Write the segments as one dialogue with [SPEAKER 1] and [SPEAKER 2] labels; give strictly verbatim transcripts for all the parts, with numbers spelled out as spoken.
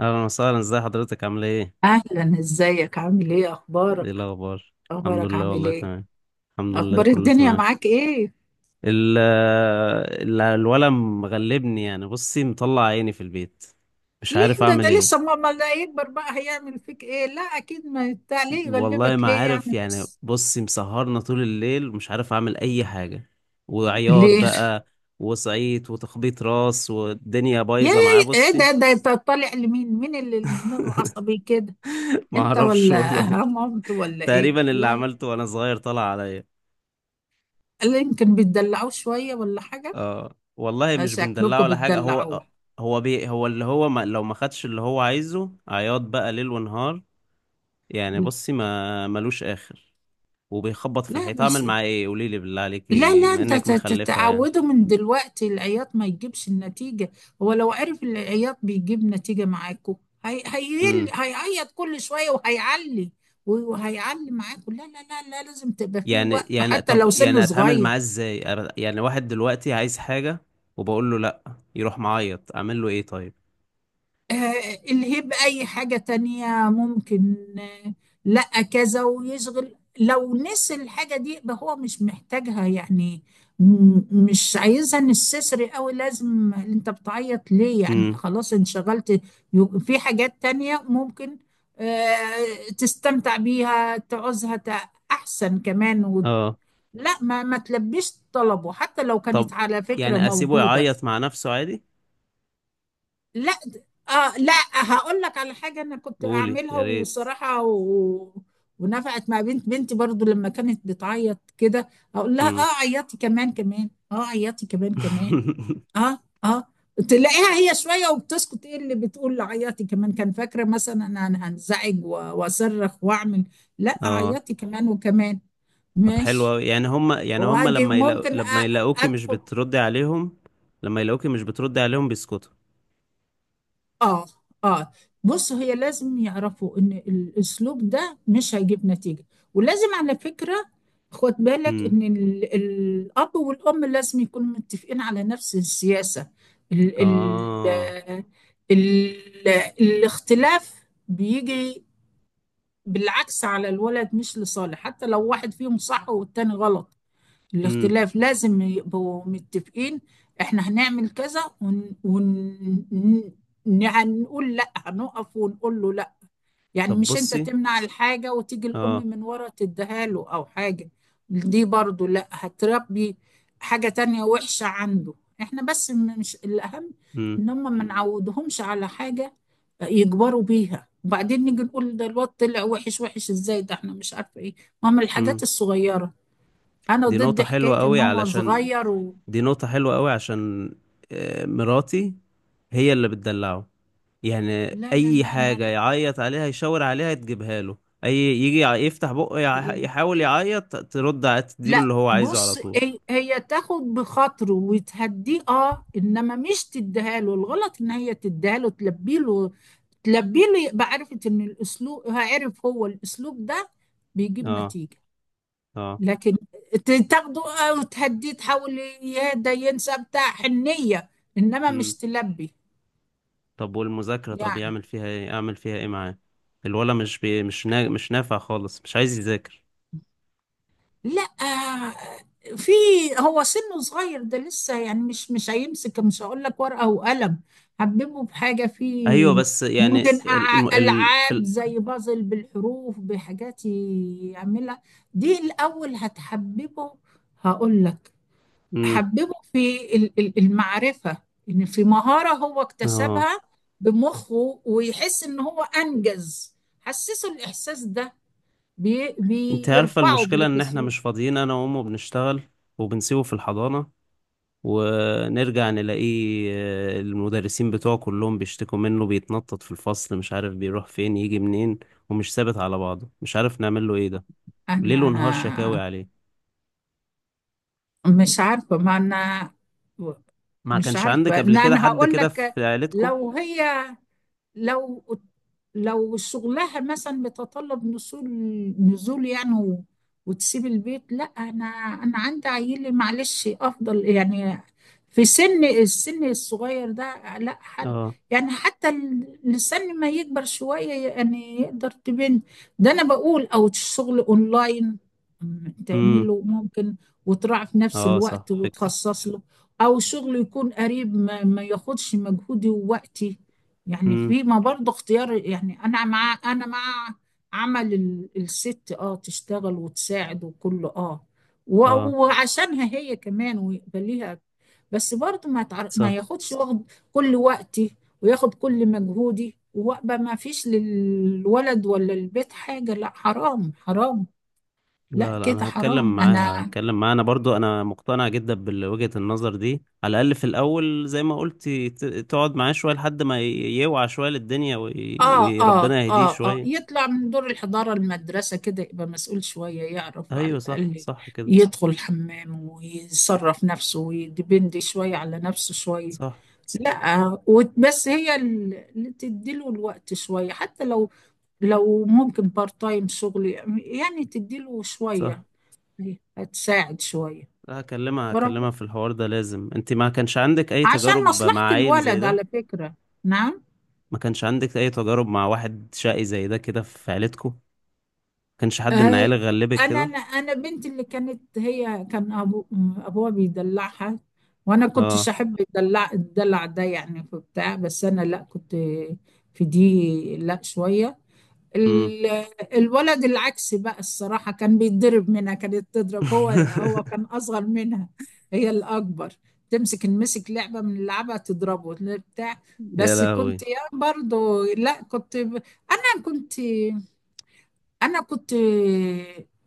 [SPEAKER 1] اهلا وسهلا. ازي حضرتك؟ عامله ايه؟
[SPEAKER 2] اهلا، ازيك؟ عامل ايه؟
[SPEAKER 1] ايه
[SPEAKER 2] اخبارك؟
[SPEAKER 1] الاخبار؟ الحمد
[SPEAKER 2] اخبارك
[SPEAKER 1] لله،
[SPEAKER 2] عامل
[SPEAKER 1] والله
[SPEAKER 2] ايه؟
[SPEAKER 1] تمام. الحمد لله
[SPEAKER 2] اخبار
[SPEAKER 1] كله
[SPEAKER 2] الدنيا
[SPEAKER 1] تمام.
[SPEAKER 2] معاك ايه؟
[SPEAKER 1] ال ال- الولد مغلبني، يعني بصي، مطلع عيني في البيت. مش
[SPEAKER 2] ليه
[SPEAKER 1] عارف
[SPEAKER 2] ده
[SPEAKER 1] اعمل
[SPEAKER 2] ده لسه
[SPEAKER 1] ايه.
[SPEAKER 2] ماما؟ لا يكبر بقى هيعمل فيك ايه؟ لا اكيد، ما بتاع، ليه
[SPEAKER 1] والله
[SPEAKER 2] يغلبك
[SPEAKER 1] ما
[SPEAKER 2] ليه يعني؟
[SPEAKER 1] عارف، يعني
[SPEAKER 2] بس
[SPEAKER 1] بصي، مسهرنا طول الليل، ومش عارف اعمل اي حاجه. وعياط
[SPEAKER 2] ليه؟
[SPEAKER 1] بقى، وصعيط وتخبيط راس، والدنيا
[SPEAKER 2] يا
[SPEAKER 1] بايظه معاه.
[SPEAKER 2] يا ايه
[SPEAKER 1] بصي،
[SPEAKER 2] ده ده؟ انت طالع لمين؟ مين اللي دماغه عصبي كده؟
[SPEAKER 1] ما
[SPEAKER 2] انت
[SPEAKER 1] اعرفش
[SPEAKER 2] ولا
[SPEAKER 1] والله.
[SPEAKER 2] مامته ولا ايه؟
[SPEAKER 1] تقريبا اللي
[SPEAKER 2] لا،
[SPEAKER 1] عملته وانا صغير طلع عليا.
[SPEAKER 2] لا يمكن بتدلعوه شويه ولا حاجه؟
[SPEAKER 1] اه والله، مش بندلعه
[SPEAKER 2] شكلكم
[SPEAKER 1] ولا حاجة. هو
[SPEAKER 2] بتدلعوه.
[SPEAKER 1] آه، هو بي هو اللي هو ما لو ما خدش اللي هو عايزه، عياط بقى ليل ونهار. يعني بصي، ما ملوش آخر. وبيخبط في
[SPEAKER 2] لا
[SPEAKER 1] الحيط. اعمل
[SPEAKER 2] بس،
[SPEAKER 1] معاه ايه؟ قولي لي بالله
[SPEAKER 2] لا
[SPEAKER 1] عليكي
[SPEAKER 2] لا،
[SPEAKER 1] بما
[SPEAKER 2] انت
[SPEAKER 1] انك
[SPEAKER 2] ت- ت-
[SPEAKER 1] مخلفة يعني.
[SPEAKER 2] تعوده من دلوقتي، العياط ما يجيبش النتيجة. هو لو عرف ان العياط بيجيب نتيجة معاكو، هي هيل-
[SPEAKER 1] امم.
[SPEAKER 2] هيعيط كل شوية وهيعلي وهيعلي معاكو. لا لا لا لا، لازم تبقى فيه
[SPEAKER 1] يعني
[SPEAKER 2] وقفة
[SPEAKER 1] يعني
[SPEAKER 2] حتى
[SPEAKER 1] طب،
[SPEAKER 2] لو سنه
[SPEAKER 1] يعني اتعامل
[SPEAKER 2] صغير.
[SPEAKER 1] معاه ازاي؟ أر- يعني واحد دلوقتي عايز حاجة وبقول له لا، يروح معيط. اعمل له ايه طيب؟
[SPEAKER 2] آه، الهيب أي حاجة تانية ممكن، آه، لأ كذا ويشغل، لو نسي الحاجة دي يبقى هو مش محتاجها يعني، م- مش عايزها، نستسري قوي لازم انت بتعيط ليه يعني؟
[SPEAKER 1] امم.
[SPEAKER 2] خلاص انشغلت، يو- في حاجات تانية ممكن آه، تستمتع بيها تعوزها تع- أحسن كمان و...
[SPEAKER 1] اه.
[SPEAKER 2] لا ما ما تلبيش طلبه حتى لو كانت
[SPEAKER 1] طب
[SPEAKER 2] على فكرة
[SPEAKER 1] يعني اسيبه
[SPEAKER 2] موجودة.
[SPEAKER 1] يعيط مع نفسه عادي؟
[SPEAKER 2] لا د- اه لا، هقول لك على حاجه انا كنت
[SPEAKER 1] قولي
[SPEAKER 2] اعملها
[SPEAKER 1] يا ريت.
[SPEAKER 2] وصراحه و... ونفعت مع بنت بنتي، برضو لما كانت بتعيط كده اقول لها:
[SPEAKER 1] امم.
[SPEAKER 2] اه عيطي كمان كمان، اه عيطي كمان كمان. اه اه، تلاقيها هي شويه وبتسكت. ايه اللي بتقول عيطي كمان؟ كان فاكره مثلا انا أنا هنزعج و... واصرخ واعمل، لا
[SPEAKER 1] اه.
[SPEAKER 2] عيطي كمان وكمان.
[SPEAKER 1] طب حلو
[SPEAKER 2] ماشي.
[SPEAKER 1] أوي. يعني هم يعني هم
[SPEAKER 2] واجي
[SPEAKER 1] لما يلاقو...
[SPEAKER 2] ممكن أ...
[SPEAKER 1] لما يلاقوكي مش
[SPEAKER 2] ادخل.
[SPEAKER 1] بتردي عليهم، لما يلاقوكي مش بتردي عليهم بيسكتوا؟
[SPEAKER 2] اه اه، بص، هي لازم يعرفوا ان الاسلوب ده مش هيجيب نتيجة، ولازم على فكرة خد بالك
[SPEAKER 1] امم.
[SPEAKER 2] ان ال- الاب والام لازم يكونوا متفقين على نفس السياسة. ال
[SPEAKER 1] اه.
[SPEAKER 2] ال ال الاختلاف بيجي بالعكس على الولد، مش لصالح، حتى لو واحد فيهم صح والتاني غلط،
[SPEAKER 1] امم.
[SPEAKER 2] الاختلاف لازم يبقوا متفقين. احنا هنعمل كذا، ونقول لا، هنقف ونقول له لا، يعني
[SPEAKER 1] طب
[SPEAKER 2] مش انت
[SPEAKER 1] بصي.
[SPEAKER 2] تمنع الحاجة وتيجي الأم
[SPEAKER 1] اه.
[SPEAKER 2] من ورا تديها له أو حاجة. دي برضو لا، هتربي حاجة تانية وحشة عنده. احنا بس م- مش الأهم
[SPEAKER 1] امم.
[SPEAKER 2] ان هم ما نعودهمش على حاجة يكبروا بيها، وبعدين نيجي نقول ده الواد طلع وحش، وحش ازاي ده؟ احنا مش عارفة ايه، ما هم الحاجات
[SPEAKER 1] امم.
[SPEAKER 2] الصغيرة. انا
[SPEAKER 1] دي
[SPEAKER 2] ضد
[SPEAKER 1] نقطة حلوة
[SPEAKER 2] حكايه ان
[SPEAKER 1] قوي
[SPEAKER 2] هو
[SPEAKER 1] علشان
[SPEAKER 2] صغير و...
[SPEAKER 1] دي نقطة حلوة قوي، عشان آه، مراتي هي اللي بتدلعه. يعني
[SPEAKER 2] لا لا
[SPEAKER 1] اي
[SPEAKER 2] لا لا
[SPEAKER 1] حاجة يعيط عليها يشاور عليها تجيبها له. اي يجي يع- يفتح بقه، يع- يحاول يعيط، ترد ع- تديله
[SPEAKER 2] لا،
[SPEAKER 1] اللي هو عايزه على
[SPEAKER 2] بص
[SPEAKER 1] طول.
[SPEAKER 2] هي هي تاخد بخاطره وتهديه، اه، انما مش تديها له. الغلط ان هي تديها له، تلبي له، تلبي له يبقى عرفت ان الاسلوب، هيعرف هو الاسلوب ده بيجيب
[SPEAKER 1] اه.
[SPEAKER 2] نتيجه.
[SPEAKER 1] اه.
[SPEAKER 2] لكن ت- تاخده آه وتهديه، تحاول ي- يا ده ينسى بتاع، حنيه، انما مش تلبي.
[SPEAKER 1] طب والمذاكرة؟ طب
[SPEAKER 2] يعني
[SPEAKER 1] يعمل فيها ايه؟ اعمل فيها ايه معاه؟ الولا مش بي... مش نا... مش نافع خالص، مش عايز يذاكر.
[SPEAKER 2] لا، في هو سنه صغير ده لسه، يعني مش مش هيمسك، مش هقول لك ورقة وقلم، حببه بحاجة
[SPEAKER 1] ايوه،
[SPEAKER 2] فيه،
[SPEAKER 1] بس
[SPEAKER 2] ممكن
[SPEAKER 1] يعني
[SPEAKER 2] خلاص
[SPEAKER 1] ال... الم-
[SPEAKER 2] أع-
[SPEAKER 1] ال... في
[SPEAKER 2] ألعاب
[SPEAKER 1] ال...
[SPEAKER 2] زي بازل بالحروف، بحاجات يعملها، دي الأول هتحببه. هقول لك،
[SPEAKER 1] مم.
[SPEAKER 2] حببه في ال- ال- المعرفة، إن في مهارة هو
[SPEAKER 1] اه.
[SPEAKER 2] اكتسبها بمخه، ويحس إن هو أنجز، حسسه الإحساس ده، بي-
[SPEAKER 1] انت عارفة
[SPEAKER 2] بيرفعه،
[SPEAKER 1] المشكلة؟ ان احنا
[SPEAKER 2] بيحسوه.
[SPEAKER 1] مش فاضيين، انا وامه بنشتغل وبنسيبه في الحضانة، ونرجع نلاقيه آه، المدرسين بتوعه كلهم بيشتكوا منه، بيتنطط في الفصل، مش عارف بيروح فين يجي منين، ومش ثابت على بعضه. مش عارف نعمل له ايه ده. ليل ونهار شكاوي
[SPEAKER 2] أنا
[SPEAKER 1] عليه.
[SPEAKER 2] مش عارفة، ما أنا
[SPEAKER 1] ما
[SPEAKER 2] مش
[SPEAKER 1] كانش عندك
[SPEAKER 2] عارفة،
[SPEAKER 1] قبل
[SPEAKER 2] لا
[SPEAKER 1] كده
[SPEAKER 2] أنا
[SPEAKER 1] حد
[SPEAKER 2] هقول
[SPEAKER 1] كده
[SPEAKER 2] لك،
[SPEAKER 1] في عيلتكم؟
[SPEAKER 2] لو هي، لو لو شغلها مثلا بتطلب نزول، نزول يعني و... وتسيب البيت، لا انا، انا عندي عيلي، معلش افضل يعني في سن السن الصغير ده، لا حر
[SPEAKER 1] اه.
[SPEAKER 2] يعني، حتى ال- لسن ما يكبر شوية يعني يقدر تبين. ده انا بقول او شغل اونلاين، م،
[SPEAKER 1] امم.
[SPEAKER 2] تعمله ممكن، وتراعي في نفس
[SPEAKER 1] اه صح،
[SPEAKER 2] الوقت
[SPEAKER 1] فكرة.
[SPEAKER 2] وتخصص له. او شغل يكون قريب، ما, ما ياخدش مجهودي ووقتي. يعني
[SPEAKER 1] امم.
[SPEAKER 2] في، ما برضه اختيار، يعني انا مع انا مع عمل ال- الست، اه، تشتغل وتساعد وكله اه، و...
[SPEAKER 1] اه
[SPEAKER 2] وعشانها هي كمان، ويبقى ليها، بس برضه ما يتعر... ما
[SPEAKER 1] صح.
[SPEAKER 2] ياخدش، واخد كل وقتي، وياخد كل مجهودي، وابقى ما فيش للولد ولا البيت حاجة. لا حرام، حرام، لا
[SPEAKER 1] لا لا،
[SPEAKER 2] كده
[SPEAKER 1] انا هتكلم
[SPEAKER 2] حرام.
[SPEAKER 1] معاها،
[SPEAKER 2] انا،
[SPEAKER 1] هتكلم معاها. انا برضو انا مقتنع جدا بوجهة النظر دي، على الاقل في الاول زي ما قلت ت- تقعد معاه شوية لحد ما ي- يوعى شوية للدنيا، وي-
[SPEAKER 2] اه اه
[SPEAKER 1] وربنا يهديه
[SPEAKER 2] اه اه،
[SPEAKER 1] شوية.
[SPEAKER 2] يطلع من دور الحضانة المدرسة كده، يبقى مسؤول شوية، يعرف على
[SPEAKER 1] ايوه صح،
[SPEAKER 2] الأقل
[SPEAKER 1] صح كده.
[SPEAKER 2] يدخل الحمام، ويصرف نفسه، ويدبند شوية على نفسه شوية.
[SPEAKER 1] صح
[SPEAKER 2] لا وت- بس هي ال- اللي تديله الوقت شوية، حتى لو، لو ممكن بارت تايم شغل، يعني تديله شوية،
[SPEAKER 1] صح.
[SPEAKER 2] هتساعد شوية.
[SPEAKER 1] لا، هكلمها،
[SPEAKER 2] ورب-
[SPEAKER 1] هكلمها في الحوار ده لازم. انت ما كانش عندك اي
[SPEAKER 2] عشان
[SPEAKER 1] تجارب
[SPEAKER 2] مصلحة
[SPEAKER 1] مع عيل زي
[SPEAKER 2] الولد
[SPEAKER 1] ده؟
[SPEAKER 2] على فكرة. نعم.
[SPEAKER 1] ما كانش عندك اي تجارب مع واحد شقي زي ده كده في عيلتكم؟ ما كانش حد من
[SPEAKER 2] آه،
[SPEAKER 1] عيالك غلبك
[SPEAKER 2] انا
[SPEAKER 1] كده؟
[SPEAKER 2] انا انا بنتي اللي كانت، هي كان ابو، ابوها بيدلعها، وانا كنتش
[SPEAKER 1] اه.
[SPEAKER 2] احب الدلع الدلع ده يعني في بتاع، بس انا لا كنت، في دي لا شويه،
[SPEAKER 1] امم.
[SPEAKER 2] ال- الولد العكس بقى الصراحه، كان بيتضرب منها، كانت تضرب، هو هو كان اصغر منها، هي الاكبر، تمسك نمسك لعبه من لعبه تضربه بتاع.
[SPEAKER 1] يا
[SPEAKER 2] بس
[SPEAKER 1] لهوي.
[SPEAKER 2] كنت، يا برضو لا كنت ب- انا كنت، انا كنت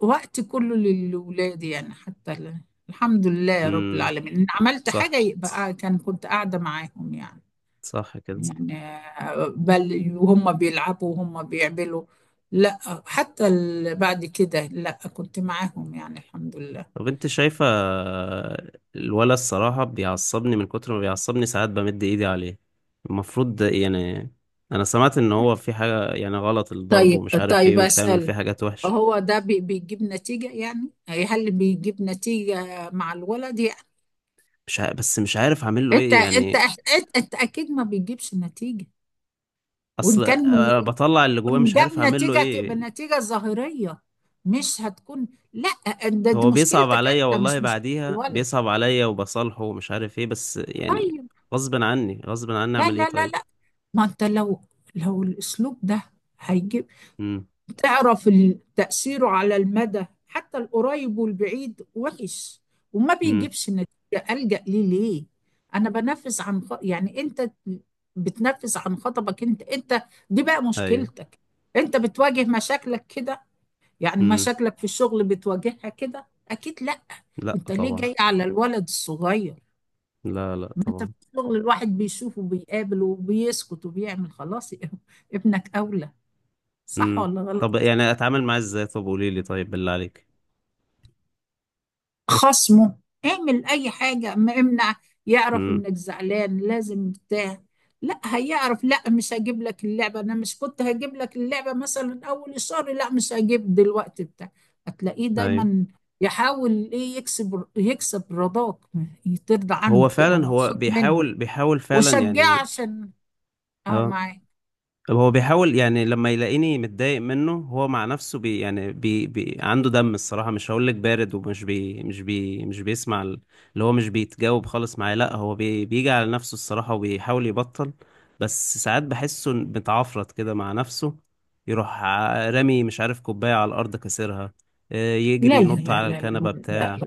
[SPEAKER 2] وقت كله للولاد يعني، حتى ال- الحمد لله يا رب
[SPEAKER 1] امم.
[SPEAKER 2] العالمين، ان عملت
[SPEAKER 1] صح
[SPEAKER 2] حاجه يبقى كان، كنت قاعده معاهم يعني.
[SPEAKER 1] صح كده.
[SPEAKER 2] يعني آه، بل وهم بيلعبوا وهم بيعملوا، لا حتى ال- بعد كده لا، كنت معاهم يعني الحمد لله.
[SPEAKER 1] طب انت شايفة؟ الولا الصراحة بيعصبني، من كتر ما بيعصبني ساعات بمد ايدي عليه. المفروض ده يعني، انا سمعت ان هو في حاجة، يعني غلط الضرب
[SPEAKER 2] طيب
[SPEAKER 1] ومش عارف ايه،
[SPEAKER 2] طيب
[SPEAKER 1] وبتعمل فيه
[SPEAKER 2] اسال،
[SPEAKER 1] حاجات وحش.
[SPEAKER 2] هو ده بي- بيجيب نتيجه يعني يعني هل بيجيب نتيجه مع الولد يعني؟
[SPEAKER 1] مش ع... بس مش عارف اعمل له
[SPEAKER 2] انت
[SPEAKER 1] ايه
[SPEAKER 2] انت
[SPEAKER 1] يعني.
[SPEAKER 2] انت, انت اكيد ما بيجيبش نتيجه، وان
[SPEAKER 1] اصل
[SPEAKER 2] كان
[SPEAKER 1] أنا بطلع اللي جواه، مش
[SPEAKER 2] ده
[SPEAKER 1] عارف اعمل له
[SPEAKER 2] بنتيجة،
[SPEAKER 1] ايه.
[SPEAKER 2] بنتيجة ظاهرية، مش هتكون، لا ده دي
[SPEAKER 1] هو بيصعب
[SPEAKER 2] مشكلتك
[SPEAKER 1] عليا
[SPEAKER 2] انت،
[SPEAKER 1] والله،
[SPEAKER 2] مش مشكلة
[SPEAKER 1] بعديها
[SPEAKER 2] الولد.
[SPEAKER 1] بيصعب عليا وبصالحه ومش عارف ايه. بس يعني
[SPEAKER 2] طيب،
[SPEAKER 1] غصب عني، غصب عني.
[SPEAKER 2] لا
[SPEAKER 1] اعمل ايه
[SPEAKER 2] لا لا
[SPEAKER 1] طيب؟
[SPEAKER 2] لا، ما انت لو لو الاسلوب ده هيجيب، تعرف ال- تأثيره على المدى حتى القريب والبعيد وحش، وما
[SPEAKER 1] امم.
[SPEAKER 2] بيجيبش نتيجة، ألجأ ليه ليه؟ انا بنفذ عن خ... يعني انت بتنفذ عن خطبك انت، انت دي بقى
[SPEAKER 1] ايوه.
[SPEAKER 2] مشكلتك، انت بتواجه مشاكلك كده، يعني
[SPEAKER 1] امم.
[SPEAKER 2] مشاكلك في الشغل بتواجهها كده؟ اكيد لا.
[SPEAKER 1] لا
[SPEAKER 2] انت ليه
[SPEAKER 1] طبعا.
[SPEAKER 2] جاي على الولد الصغير؟
[SPEAKER 1] لا لا
[SPEAKER 2] ما انت في
[SPEAKER 1] طبعا.
[SPEAKER 2] الشغل الواحد بيشوف وبيقابل وبيسكت وبيعمل خلاص. ابنك اولى، صح
[SPEAKER 1] امم.
[SPEAKER 2] ولا
[SPEAKER 1] طب
[SPEAKER 2] غلط؟
[SPEAKER 1] يعني اتعامل معاه ازاي؟ طب قولي لي طيب بالله عليك.
[SPEAKER 2] خصمه، اعمل اي حاجة، ما امنع، يعرف
[SPEAKER 1] امم.
[SPEAKER 2] انك زعلان، لازم بتاع، لا هيعرف، لا مش هجيب لك اللعبة، انا مش كنت هجيب لك اللعبة مثلا اول الشهر، لا مش هجيب دلوقتي بتاع. هتلاقيه
[SPEAKER 1] ايوه.
[SPEAKER 2] دايما يحاول ايه، يكسب، يكسب رضاك، ترضى عنه
[SPEAKER 1] هو
[SPEAKER 2] تبقى
[SPEAKER 1] فعلا، هو
[SPEAKER 2] مبسوط منه،
[SPEAKER 1] بيحاول بيحاول فعلا
[SPEAKER 2] وشجعه
[SPEAKER 1] يعني.
[SPEAKER 2] عشان، اه،
[SPEAKER 1] اه.
[SPEAKER 2] معاك.
[SPEAKER 1] طب هو بيحاول. يعني لما يلاقيني متضايق منه، هو مع نفسه بي يعني بي بي عنده دم الصراحة، مش هقول لك بارد، ومش بي مش بي مش بيسمع ال- اللي هو، مش بيتجاوب خالص معايا. لا هو بي بيجي على نفسه الصراحة وبيحاول يبطل. بس ساعات بحسه متعفرت كده مع نفسه، يروح ع- رامي مش عارف كوباية على الأرض كسرها، آه، يجري
[SPEAKER 2] لا لا
[SPEAKER 1] ينط
[SPEAKER 2] لا
[SPEAKER 1] على
[SPEAKER 2] لا لا،
[SPEAKER 1] الكنبة
[SPEAKER 2] لا.
[SPEAKER 1] بتاع.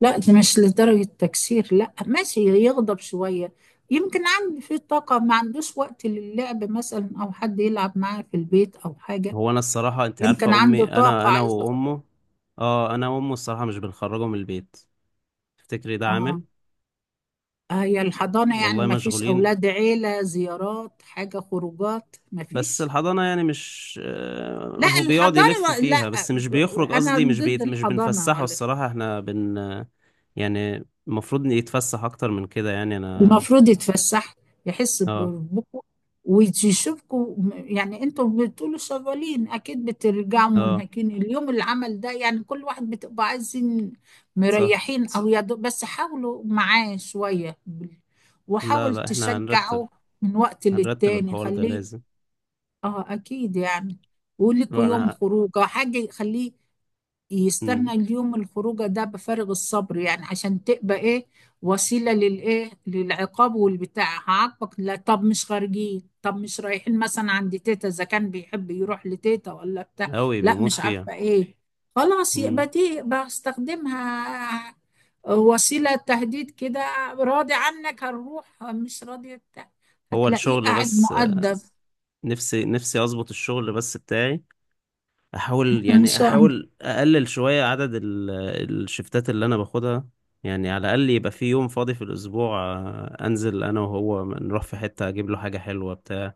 [SPEAKER 2] لا ده مش لدرجة تكسير، لا ماشي، يغضب شوية، يمكن عنده في طاقة، ما عندوش وقت للعب مثلا، أو حد يلعب معاه في البيت أو حاجة،
[SPEAKER 1] هو، أنا الصراحة أنت
[SPEAKER 2] يمكن
[SPEAKER 1] عارفة،
[SPEAKER 2] عنده
[SPEAKER 1] أمي، أنا
[SPEAKER 2] طاقة
[SPEAKER 1] أنا
[SPEAKER 2] عايز يخرج.
[SPEAKER 1] وأمه، اه أنا وأمه الصراحة مش بنخرجه من البيت. تفتكري ده
[SPEAKER 2] آه،
[SPEAKER 1] عامل؟
[SPEAKER 2] هي الحضانة يعني،
[SPEAKER 1] والله
[SPEAKER 2] ما فيش
[SPEAKER 1] مشغولين.
[SPEAKER 2] أولاد، عيلة، زيارات، حاجة خروجات، ما
[SPEAKER 1] بس
[SPEAKER 2] فيش.
[SPEAKER 1] الحضانة يعني مش آه،
[SPEAKER 2] لا
[SPEAKER 1] هو بيقعد يلف
[SPEAKER 2] الحضانة،
[SPEAKER 1] فيها
[SPEAKER 2] لا
[SPEAKER 1] بس مش بيخرج.
[SPEAKER 2] أنا
[SPEAKER 1] قصدي مش
[SPEAKER 2] ضد
[SPEAKER 1] بيت... مش بنفسحه
[SPEAKER 2] الحضانة.
[SPEAKER 1] الصراحة. احنا بن آه، يعني المفروض إن يتفسح أكتر من كده، يعني أنا.
[SPEAKER 2] المفروض يتفسح، يحس
[SPEAKER 1] اه.
[SPEAKER 2] بربكم ويشوفكم، يعني انتوا بتقولوا شغالين اكيد، بترجعوا
[SPEAKER 1] اه
[SPEAKER 2] منهكين اليوم اللي عمل ده، يعني كل واحد بتبقى عايزين
[SPEAKER 1] صح.
[SPEAKER 2] مريحين، او يا دوب، بس حاولوا معاه شوية بال-
[SPEAKER 1] لا
[SPEAKER 2] وحاول
[SPEAKER 1] لا، احنا هنرتب،
[SPEAKER 2] تشجعه، من وقت
[SPEAKER 1] هنرتب
[SPEAKER 2] للتاني
[SPEAKER 1] الحوار ده
[SPEAKER 2] خليه.
[SPEAKER 1] لازم.
[SPEAKER 2] اه اكيد يعني، ولكوا
[SPEAKER 1] لا
[SPEAKER 2] يوم
[SPEAKER 1] أنا،
[SPEAKER 2] خروجه حاجة يخليه
[SPEAKER 1] مم.
[SPEAKER 2] يستنى اليوم الخروجه ده بفارغ الصبر، يعني عشان تبقى ايه، وسيله للايه، للعقاب والبتاع، هعاقبك، لا طب مش خارجين، طب مش رايحين مثلا عند تيتا، اذا كان بيحب يروح لتيتا ولا بتاع،
[SPEAKER 1] أوي
[SPEAKER 2] لا
[SPEAKER 1] بيموت
[SPEAKER 2] مش
[SPEAKER 1] فيها.
[SPEAKER 2] عارفه ايه، خلاص
[SPEAKER 1] مم.
[SPEAKER 2] يبقى دي بستخدمها وسيله تهديد كده، راضي عنك هنروح، مش راضي بتاع.
[SPEAKER 1] هو
[SPEAKER 2] هتلاقيه
[SPEAKER 1] الشغل
[SPEAKER 2] قاعد
[SPEAKER 1] بس آه،
[SPEAKER 2] مؤدب.
[SPEAKER 1] نفسي، نفسي أظبط الشغل بس بتاعي. احاول
[SPEAKER 2] ان
[SPEAKER 1] يعني
[SPEAKER 2] شاء،
[SPEAKER 1] احاول اقلل شوية عدد ال- الشفتات اللي انا باخدها. يعني على الاقل يبقى في يوم فاضي في الاسبوع، آه، انزل انا وهو نروح في حتة اجيب له حاجة حلوة بتاع.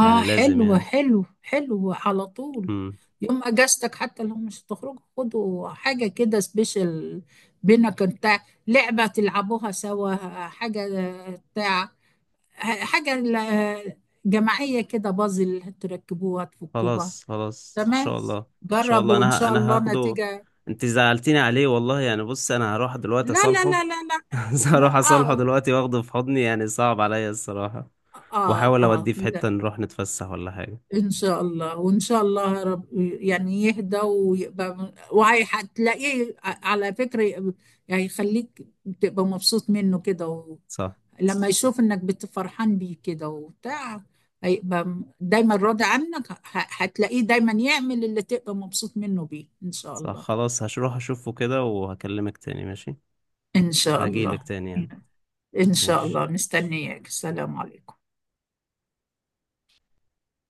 [SPEAKER 1] يعني لازم
[SPEAKER 2] حلو
[SPEAKER 1] يعني.
[SPEAKER 2] حلو حلو على طول،
[SPEAKER 1] امم.
[SPEAKER 2] يوم اجازتك حتى لو مش هتخرجوا خدوا حاجه كده سبيشال، بينك انت، لعبه تلعبوها سوا، حاجه بتاع، حاجه ل- جماعيه كده، بازل تركبوها تفكوها.
[SPEAKER 1] خلاص خلاص ان
[SPEAKER 2] تمام،
[SPEAKER 1] شاء الله. ان شاء الله
[SPEAKER 2] جربوا ان
[SPEAKER 1] انا ه-
[SPEAKER 2] شاء
[SPEAKER 1] انا
[SPEAKER 2] الله
[SPEAKER 1] هاخده.
[SPEAKER 2] نتيجه.
[SPEAKER 1] انت زعلتيني عليه والله يعني. بص انا هروح دلوقتي
[SPEAKER 2] لا لا
[SPEAKER 1] اصالحه.
[SPEAKER 2] لا لا لا، لا.
[SPEAKER 1] هروح اصالحه
[SPEAKER 2] اه
[SPEAKER 1] دلوقتي واخده في حضني، يعني صعب عليا الصراحة.
[SPEAKER 2] اه
[SPEAKER 1] واحاول
[SPEAKER 2] اه،
[SPEAKER 1] اوديه في حتة نروح نتفسح ولا حاجة.
[SPEAKER 2] إن شاء الله، وإن شاء الله رب يعني يهدى ويبقى، وهتلاقيه على فكرة يبقى، يعني يخليك تبقى مبسوط منه كده و...
[SPEAKER 1] صح
[SPEAKER 2] لما يشوف إنك بتفرحان بيه كده وبتاع، هيبقى م- دايما راضي عنك، ه- هتلاقيه دايما يعمل اللي تبقى مبسوط منه بيه إن شاء
[SPEAKER 1] صح.
[SPEAKER 2] الله.
[SPEAKER 1] خلاص، هروح اشوفه كده وهكلمك تاني، ماشي؟
[SPEAKER 2] إن شاء
[SPEAKER 1] هجيلك
[SPEAKER 2] الله،
[SPEAKER 1] تاني يعني.
[SPEAKER 2] إن شاء
[SPEAKER 1] ماشي.
[SPEAKER 2] الله مستنياك، السلام عليكم.